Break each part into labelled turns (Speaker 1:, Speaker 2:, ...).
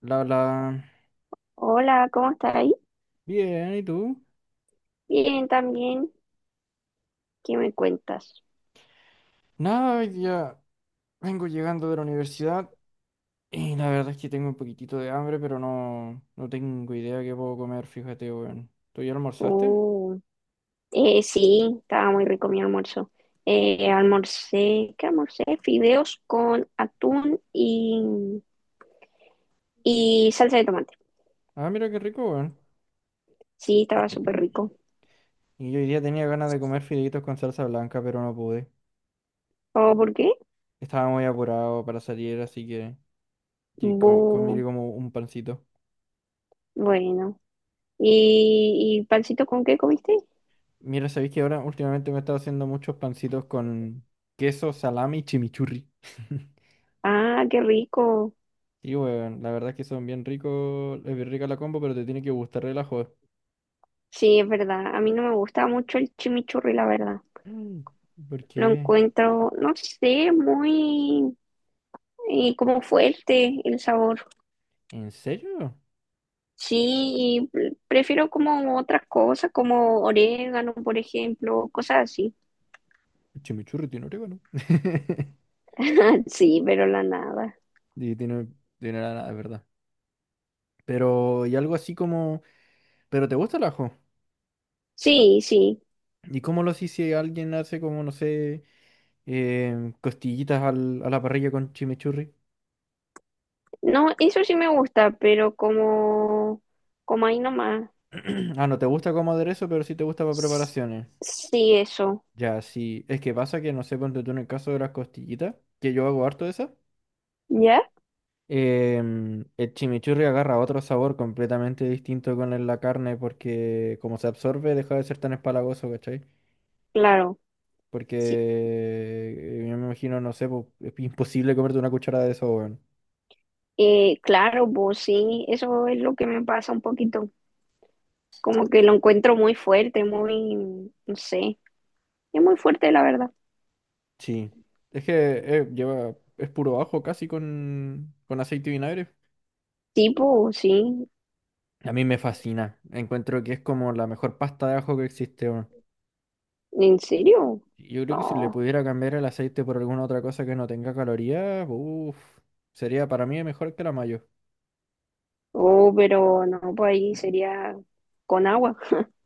Speaker 1: La, la.
Speaker 2: Hola, ¿cómo estás ahí?
Speaker 1: Bien, ¿y tú?
Speaker 2: Bien, también. ¿Qué me cuentas?
Speaker 1: Nada, hoy día vengo llegando de la universidad y la verdad es que tengo un poquitito de hambre, pero no, no tengo idea qué puedo comer, fíjate, weón. ¿Tú ya almorzaste?
Speaker 2: Uh, sí, estaba muy rico mi almuerzo. Almorcé, ¿qué almorcé? Fideos con atún y salsa de tomate.
Speaker 1: Ah, mira qué rico, weón.
Speaker 2: Sí, estaba súper rico.
Speaker 1: Y yo hoy día tenía ganas de comer fideitos con salsa blanca, pero no pude.
Speaker 2: ¿O por qué?
Speaker 1: Estaba muy apurado para salir, así que sí, comí
Speaker 2: Bu-
Speaker 1: como un pancito.
Speaker 2: bueno. Y pancito con qué comiste?
Speaker 1: Mira, sabéis que ahora últimamente me he estado haciendo muchos pancitos con queso, salami y chimichurri.
Speaker 2: Ah, qué rico.
Speaker 1: Sí, weón, la verdad es que son bien ricos, es bien rica la combo, pero te tiene que gustar el ajo.
Speaker 2: Sí, es verdad. A mí no me gusta mucho el chimichurri, la verdad.
Speaker 1: Mm, ¿por
Speaker 2: Lo
Speaker 1: qué?
Speaker 2: encuentro, no sé, muy y como fuerte el sabor.
Speaker 1: ¿En serio?
Speaker 2: Sí, y prefiero como otras cosas, como orégano, por ejemplo, cosas así.
Speaker 1: El chimichurri tiene orégano.
Speaker 2: Sí, pero la nada.
Speaker 1: Y tiene, tiene nada, es verdad. Pero, y algo así como, ¿pero te gusta el ajo?
Speaker 2: Sí, sí.
Speaker 1: ¿Y cómo lo haces si alguien hace como, no sé, costillitas a la parrilla con chimichurri?
Speaker 2: No, eso sí me gusta, pero como ahí nomás.
Speaker 1: Ah, no te gusta como aderezo, pero sí te gusta para
Speaker 2: S-
Speaker 1: preparaciones.
Speaker 2: Sí, eso.
Speaker 1: Ya, sí. Es que pasa que, no sé, ponte tú en el caso de las costillitas, que yo hago harto de esas.
Speaker 2: ¿Ya?
Speaker 1: El chimichurri agarra otro sabor completamente distinto con la carne porque como se absorbe deja de ser tan espalagoso, ¿cachai?
Speaker 2: Claro.
Speaker 1: Porque
Speaker 2: Sí.
Speaker 1: yo me imagino, no sé, po, es imposible comerte una cucharada de eso, weón.
Speaker 2: Claro, pues sí, eso es lo que me pasa un poquito. Como que lo encuentro muy fuerte, muy, no sé, es muy fuerte, la verdad.
Speaker 1: Sí. Es que lleva, es puro ajo casi con aceite y vinagre.
Speaker 2: Tipo sí.
Speaker 1: A mí me fascina. Encuentro que es como la mejor pasta de ajo que existe, weón.
Speaker 2: ¿En serio?
Speaker 1: Yo creo que si le
Speaker 2: No.
Speaker 1: pudiera cambiar el aceite por alguna otra cosa que no tenga calorías, sería para mí mejor que la mayo.
Speaker 2: Oh, pero no, pues ahí sería con agua,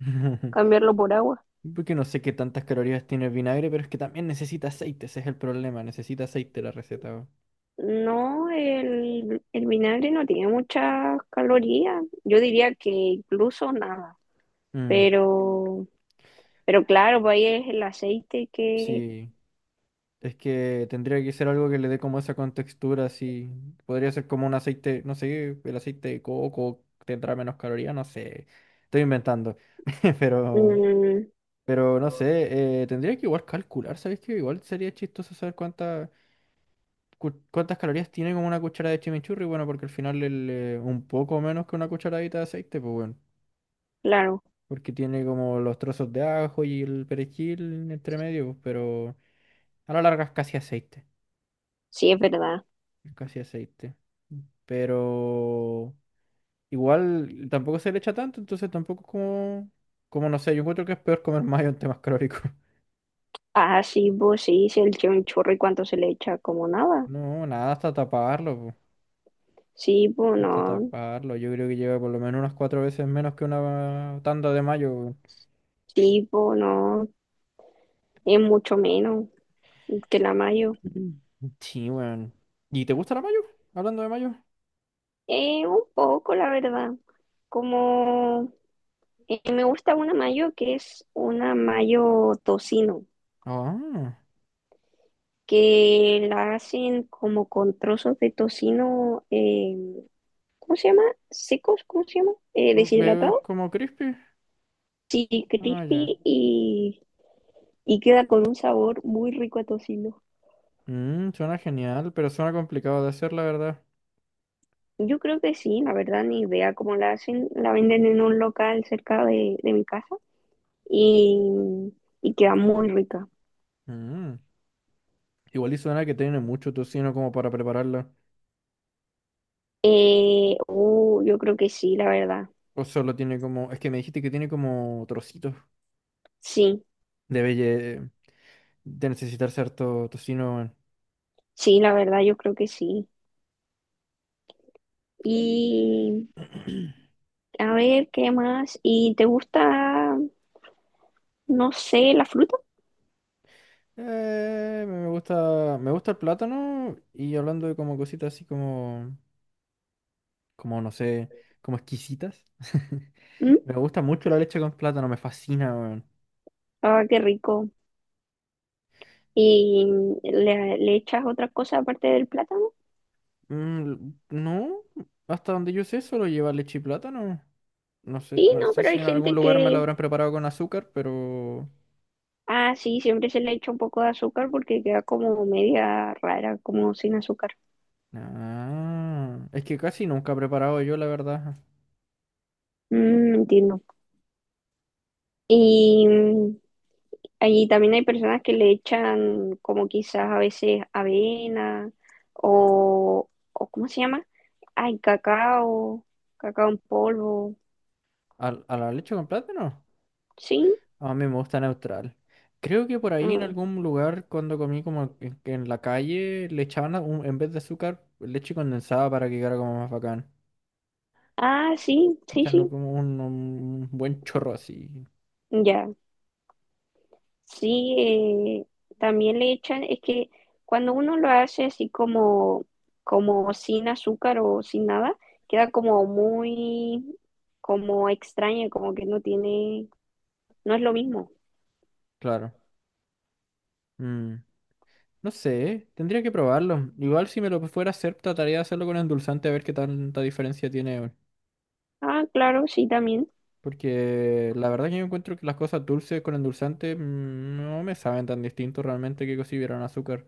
Speaker 2: cambiarlo por agua.
Speaker 1: Porque no sé qué tantas calorías tiene el vinagre, pero es que también necesita aceite, ese es el problema, necesita aceite la receta. Weón.
Speaker 2: No, el vinagre no tiene muchas calorías. Yo diría que incluso nada.
Speaker 1: Mm,
Speaker 2: Pero, pero claro, pues ahí es el aceite que
Speaker 1: sí, es que tendría que ser algo que le dé como esa contextura, así. Podría ser como un aceite, no sé, el aceite de coco tendrá menos calorías, no sé. Estoy inventando. Pero,
Speaker 2: mm,
Speaker 1: pero no sé, tendría que igual calcular, ¿sabes qué? Igual sería chistoso saber cuántas calorías tiene como una cuchara de chimichurri, bueno, porque al final un poco menos que una cucharadita de aceite, pues bueno.
Speaker 2: claro,
Speaker 1: Porque tiene como los trozos de ajo y el perejil entre medio, pues, pero a la larga es casi aceite,
Speaker 2: sí es verdad.
Speaker 1: es casi aceite. Pero igual tampoco se le echa tanto, entonces tampoco es como, como no sé, yo encuentro que es peor comer mayo en temas calóricos.
Speaker 2: Ah, sí, pues sí, se le echa cuánto se le echa, como nada.
Speaker 1: No, nada, hasta taparlo, po,
Speaker 2: Sí, pues
Speaker 1: hasta
Speaker 2: no.
Speaker 1: taparlo. Yo creo que lleva por lo menos unas cuatro veces menos que una tanda de mayo.
Speaker 2: Sí, pues no. Es mucho menos que la mayo.
Speaker 1: Weón. Sí, weón. ¿Y te gusta la mayo? Hablando de mayo.
Speaker 2: Un poco, la verdad. Como me gusta una mayo que es una mayo tocino,
Speaker 1: Ah,
Speaker 2: que la hacen como con trozos de tocino, ¿cómo se llama? Secos, ¿cómo se llama?
Speaker 1: ¿es
Speaker 2: Deshidratado.
Speaker 1: como crispy?
Speaker 2: Sí,
Speaker 1: Ah, ya.
Speaker 2: crispy y queda con un sabor muy rico a tocino.
Speaker 1: Mm, suena genial, pero suena complicado de hacer, la verdad.
Speaker 2: Yo creo que sí, la verdad, ni idea cómo la hacen. La venden en un local cerca de mi casa y, y queda muy rica.
Speaker 1: Mm. Igual y suena que tiene mucho tocino como para prepararla.
Speaker 2: Yo creo que sí, la verdad.
Speaker 1: O solo tiene como... Es que me dijiste que tiene como trocitos.
Speaker 2: Sí,
Speaker 1: Debe lle- de necesitar cierto tocino. Weón.
Speaker 2: sí, la verdad, yo creo que sí. Y a ver, ¿qué más? ¿Y te gusta, no sé, la fruta?
Speaker 1: Me gusta, me gusta el plátano y hablando de como cositas así como, como no sé, como exquisitas.
Speaker 2: ¿Mm?
Speaker 1: Me gusta mucho la leche con plátano, me fascina, weón.
Speaker 2: Ah, qué rico. ¿Y le echas otra cosa aparte del plátano?
Speaker 1: Mm, no, hasta donde yo sé, solo lleva leche y plátano. No sé,
Speaker 2: Sí,
Speaker 1: no
Speaker 2: no,
Speaker 1: sé
Speaker 2: pero
Speaker 1: si
Speaker 2: hay
Speaker 1: en algún
Speaker 2: gente
Speaker 1: lugar me lo habrán preparado con azúcar, pero...
Speaker 2: ah, sí, siempre se le echa un poco de azúcar porque queda como media rara, como sin azúcar.
Speaker 1: Ah, es que casi nunca he preparado yo, la verdad.
Speaker 2: Mm, entiendo. Y allí también hay personas que le echan como quizás a veces avena o ¿cómo se llama? Ay, cacao, cacao en polvo.
Speaker 1: ¿A, la leche con plátano?
Speaker 2: Sí.
Speaker 1: A mí me gusta neutral. Creo que por ahí en
Speaker 2: Ah,
Speaker 1: algún lugar, cuando comí como en, que en la calle, le echaban a- un- en vez de azúcar, leche condensada para que quedara como más bacán.
Speaker 2: ah, sí, sí,
Speaker 1: Echando
Speaker 2: sí.
Speaker 1: como un buen chorro así,
Speaker 2: Ya. Sí, también le echan, es que cuando uno lo hace así como, como sin azúcar o sin nada, queda como muy, como extraña, como que no tiene, no es lo mismo.
Speaker 1: claro. Mm. No sé, tendría que probarlo. Igual si me lo fuera a hacer, trataría de hacerlo con endulzante a ver qué tanta diferencia tiene, weón.
Speaker 2: Ah, claro, sí, también.
Speaker 1: Porque la verdad que yo encuentro que las cosas dulces con endulzante mm, no me saben tan distinto realmente que si hubieran azúcar.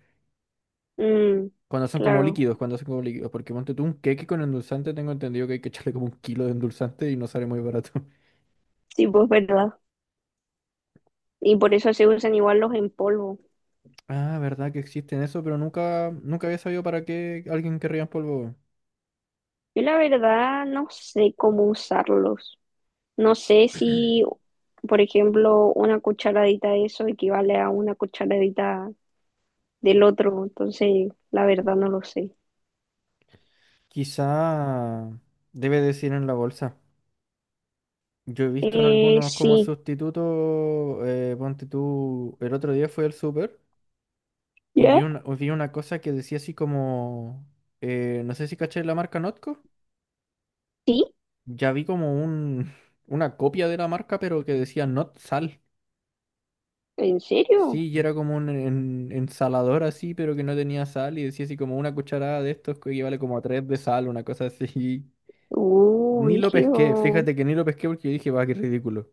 Speaker 2: Mm,
Speaker 1: Cuando son como
Speaker 2: claro,
Speaker 1: líquidos, cuando son como líquidos. Porque ponte tú un queque con endulzante, tengo entendido que hay que echarle como un kilo de endulzante y no sale muy barato.
Speaker 2: sí, pues verdad. Y por eso se usan igual los en polvo.
Speaker 1: Ah, verdad que existen eso, pero nunca, nunca había sabido para qué alguien querría en polvo, weón.
Speaker 2: Yo la verdad no sé cómo usarlos. No sé si, por ejemplo, una cucharadita de eso equivale a una cucharadita del otro. Entonces, la verdad no lo sé.
Speaker 1: Quizá debe decir en la bolsa. Yo he visto en algunos como
Speaker 2: Sí.
Speaker 1: sustituto, ponte tú, el otro día fui al súper y
Speaker 2: ¿Ya?
Speaker 1: vi una cosa que decía así como, no sé si caché la marca Notco,
Speaker 2: ¿Sí?
Speaker 1: ya vi como un, una copia de la marca pero que decía Not Sal.
Speaker 2: ¿En serio?
Speaker 1: Sí, y era como ensalador así pero que no tenía sal y decía así como una cucharada de estos que equivale como a tres de sal, una cosa así. Ni lo pesqué,
Speaker 2: Rígido.
Speaker 1: fíjate que ni lo pesqué porque yo dije, va, qué ridículo.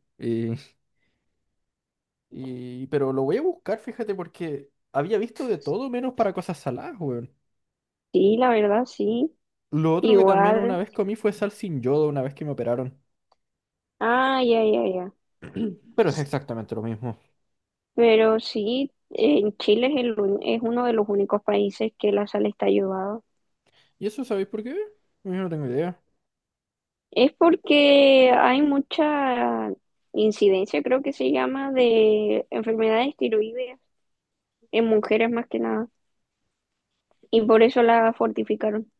Speaker 1: Y, pero lo voy a buscar, fíjate, porque había visto de todo menos para cosas saladas, weón.
Speaker 2: Sí, la verdad sí.
Speaker 1: Lo otro que también una
Speaker 2: Igual.
Speaker 1: vez comí fue sal sin yodo una vez que me operaron.
Speaker 2: Ah, ya, ya, ya.
Speaker 1: Pero es exactamente lo mismo.
Speaker 2: Pero sí, en Chile es, es uno de los únicos países que la sal está ayudada.
Speaker 1: ¿Y eso sabéis por qué? Yo no tengo idea.
Speaker 2: Es porque hay mucha incidencia, creo que se llama, de enfermedades tiroideas en mujeres más que nada. Y por eso la fortificaron.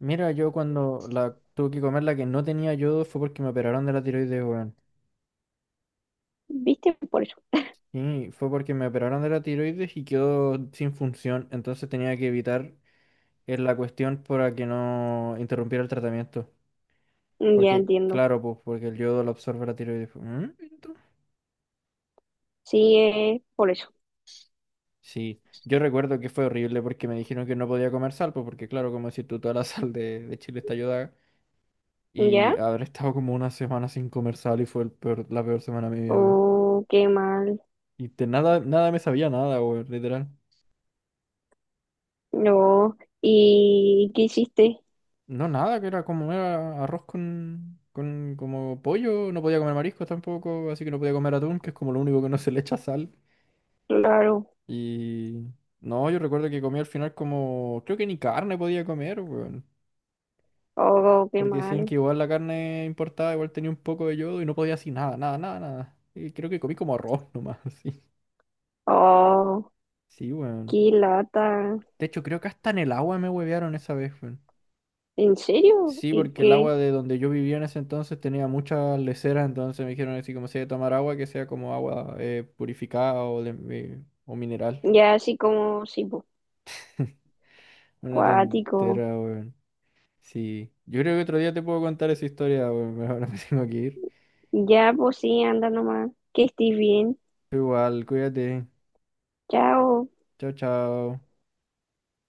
Speaker 1: Mira, yo cuando la tuve que comer la que no tenía yodo fue porque me operaron de la tiroides, weón.
Speaker 2: ¿Viste? Por eso.
Speaker 1: Y fue porque me operaron de la tiroides y quedó sin función. Entonces tenía que evitar la cuestión para que no interrumpiera el tratamiento.
Speaker 2: Ya
Speaker 1: Porque,
Speaker 2: entiendo.
Speaker 1: claro, pues, porque el yodo lo absorbe la tiroides, pues. Mm,
Speaker 2: Sí, es por eso.
Speaker 1: sí, yo recuerdo que fue horrible porque me dijeron que no podía comer sal, pues porque claro, como decís tú, toda la sal de Chile está ayudada. Y
Speaker 2: ¿Ya?
Speaker 1: haber estado como una semana sin comer sal y fue la peor semana de mi vida, weón.
Speaker 2: Oh, qué mal.
Speaker 1: Y de nada, nada me sabía nada, weón, literal.
Speaker 2: No. ¿Y qué hiciste?
Speaker 1: No, nada, que era arroz con como pollo, no podía comer mariscos tampoco, así que no podía comer atún, que es como lo único que no se le echa sal.
Speaker 2: Claro.
Speaker 1: Y no, yo recuerdo que comí al final como, creo que ni carne podía comer, weón.
Speaker 2: Oh, qué
Speaker 1: Porque decían
Speaker 2: mal.
Speaker 1: que igual la carne importada igual tenía un poco de yodo y no podía así nada, nada, nada, nada. Y creo que comí como arroz nomás, así.
Speaker 2: Oh,
Speaker 1: Sí, weón.
Speaker 2: qué lata.
Speaker 1: De hecho, creo que hasta en el agua me huevearon esa vez, weón.
Speaker 2: ¿En serio?
Speaker 1: Sí,
Speaker 2: ¿Y
Speaker 1: porque el
Speaker 2: qué?
Speaker 1: agua de donde yo vivía en ese entonces tenía muchas leceras, entonces me dijeron así como si hay que tomar agua, que sea como agua purificada o mineral.
Speaker 2: Ya así como, sí, pues,
Speaker 1: Una
Speaker 2: cuático.
Speaker 1: tontera, weón. Sí. Yo creo que otro día te puedo contar esa historia, weón. Ahora me tengo que ir.
Speaker 2: Ya, pues sí, anda nomás. Que estés bien.
Speaker 1: Igual, cuídate.
Speaker 2: Chao.
Speaker 1: Chao, chao.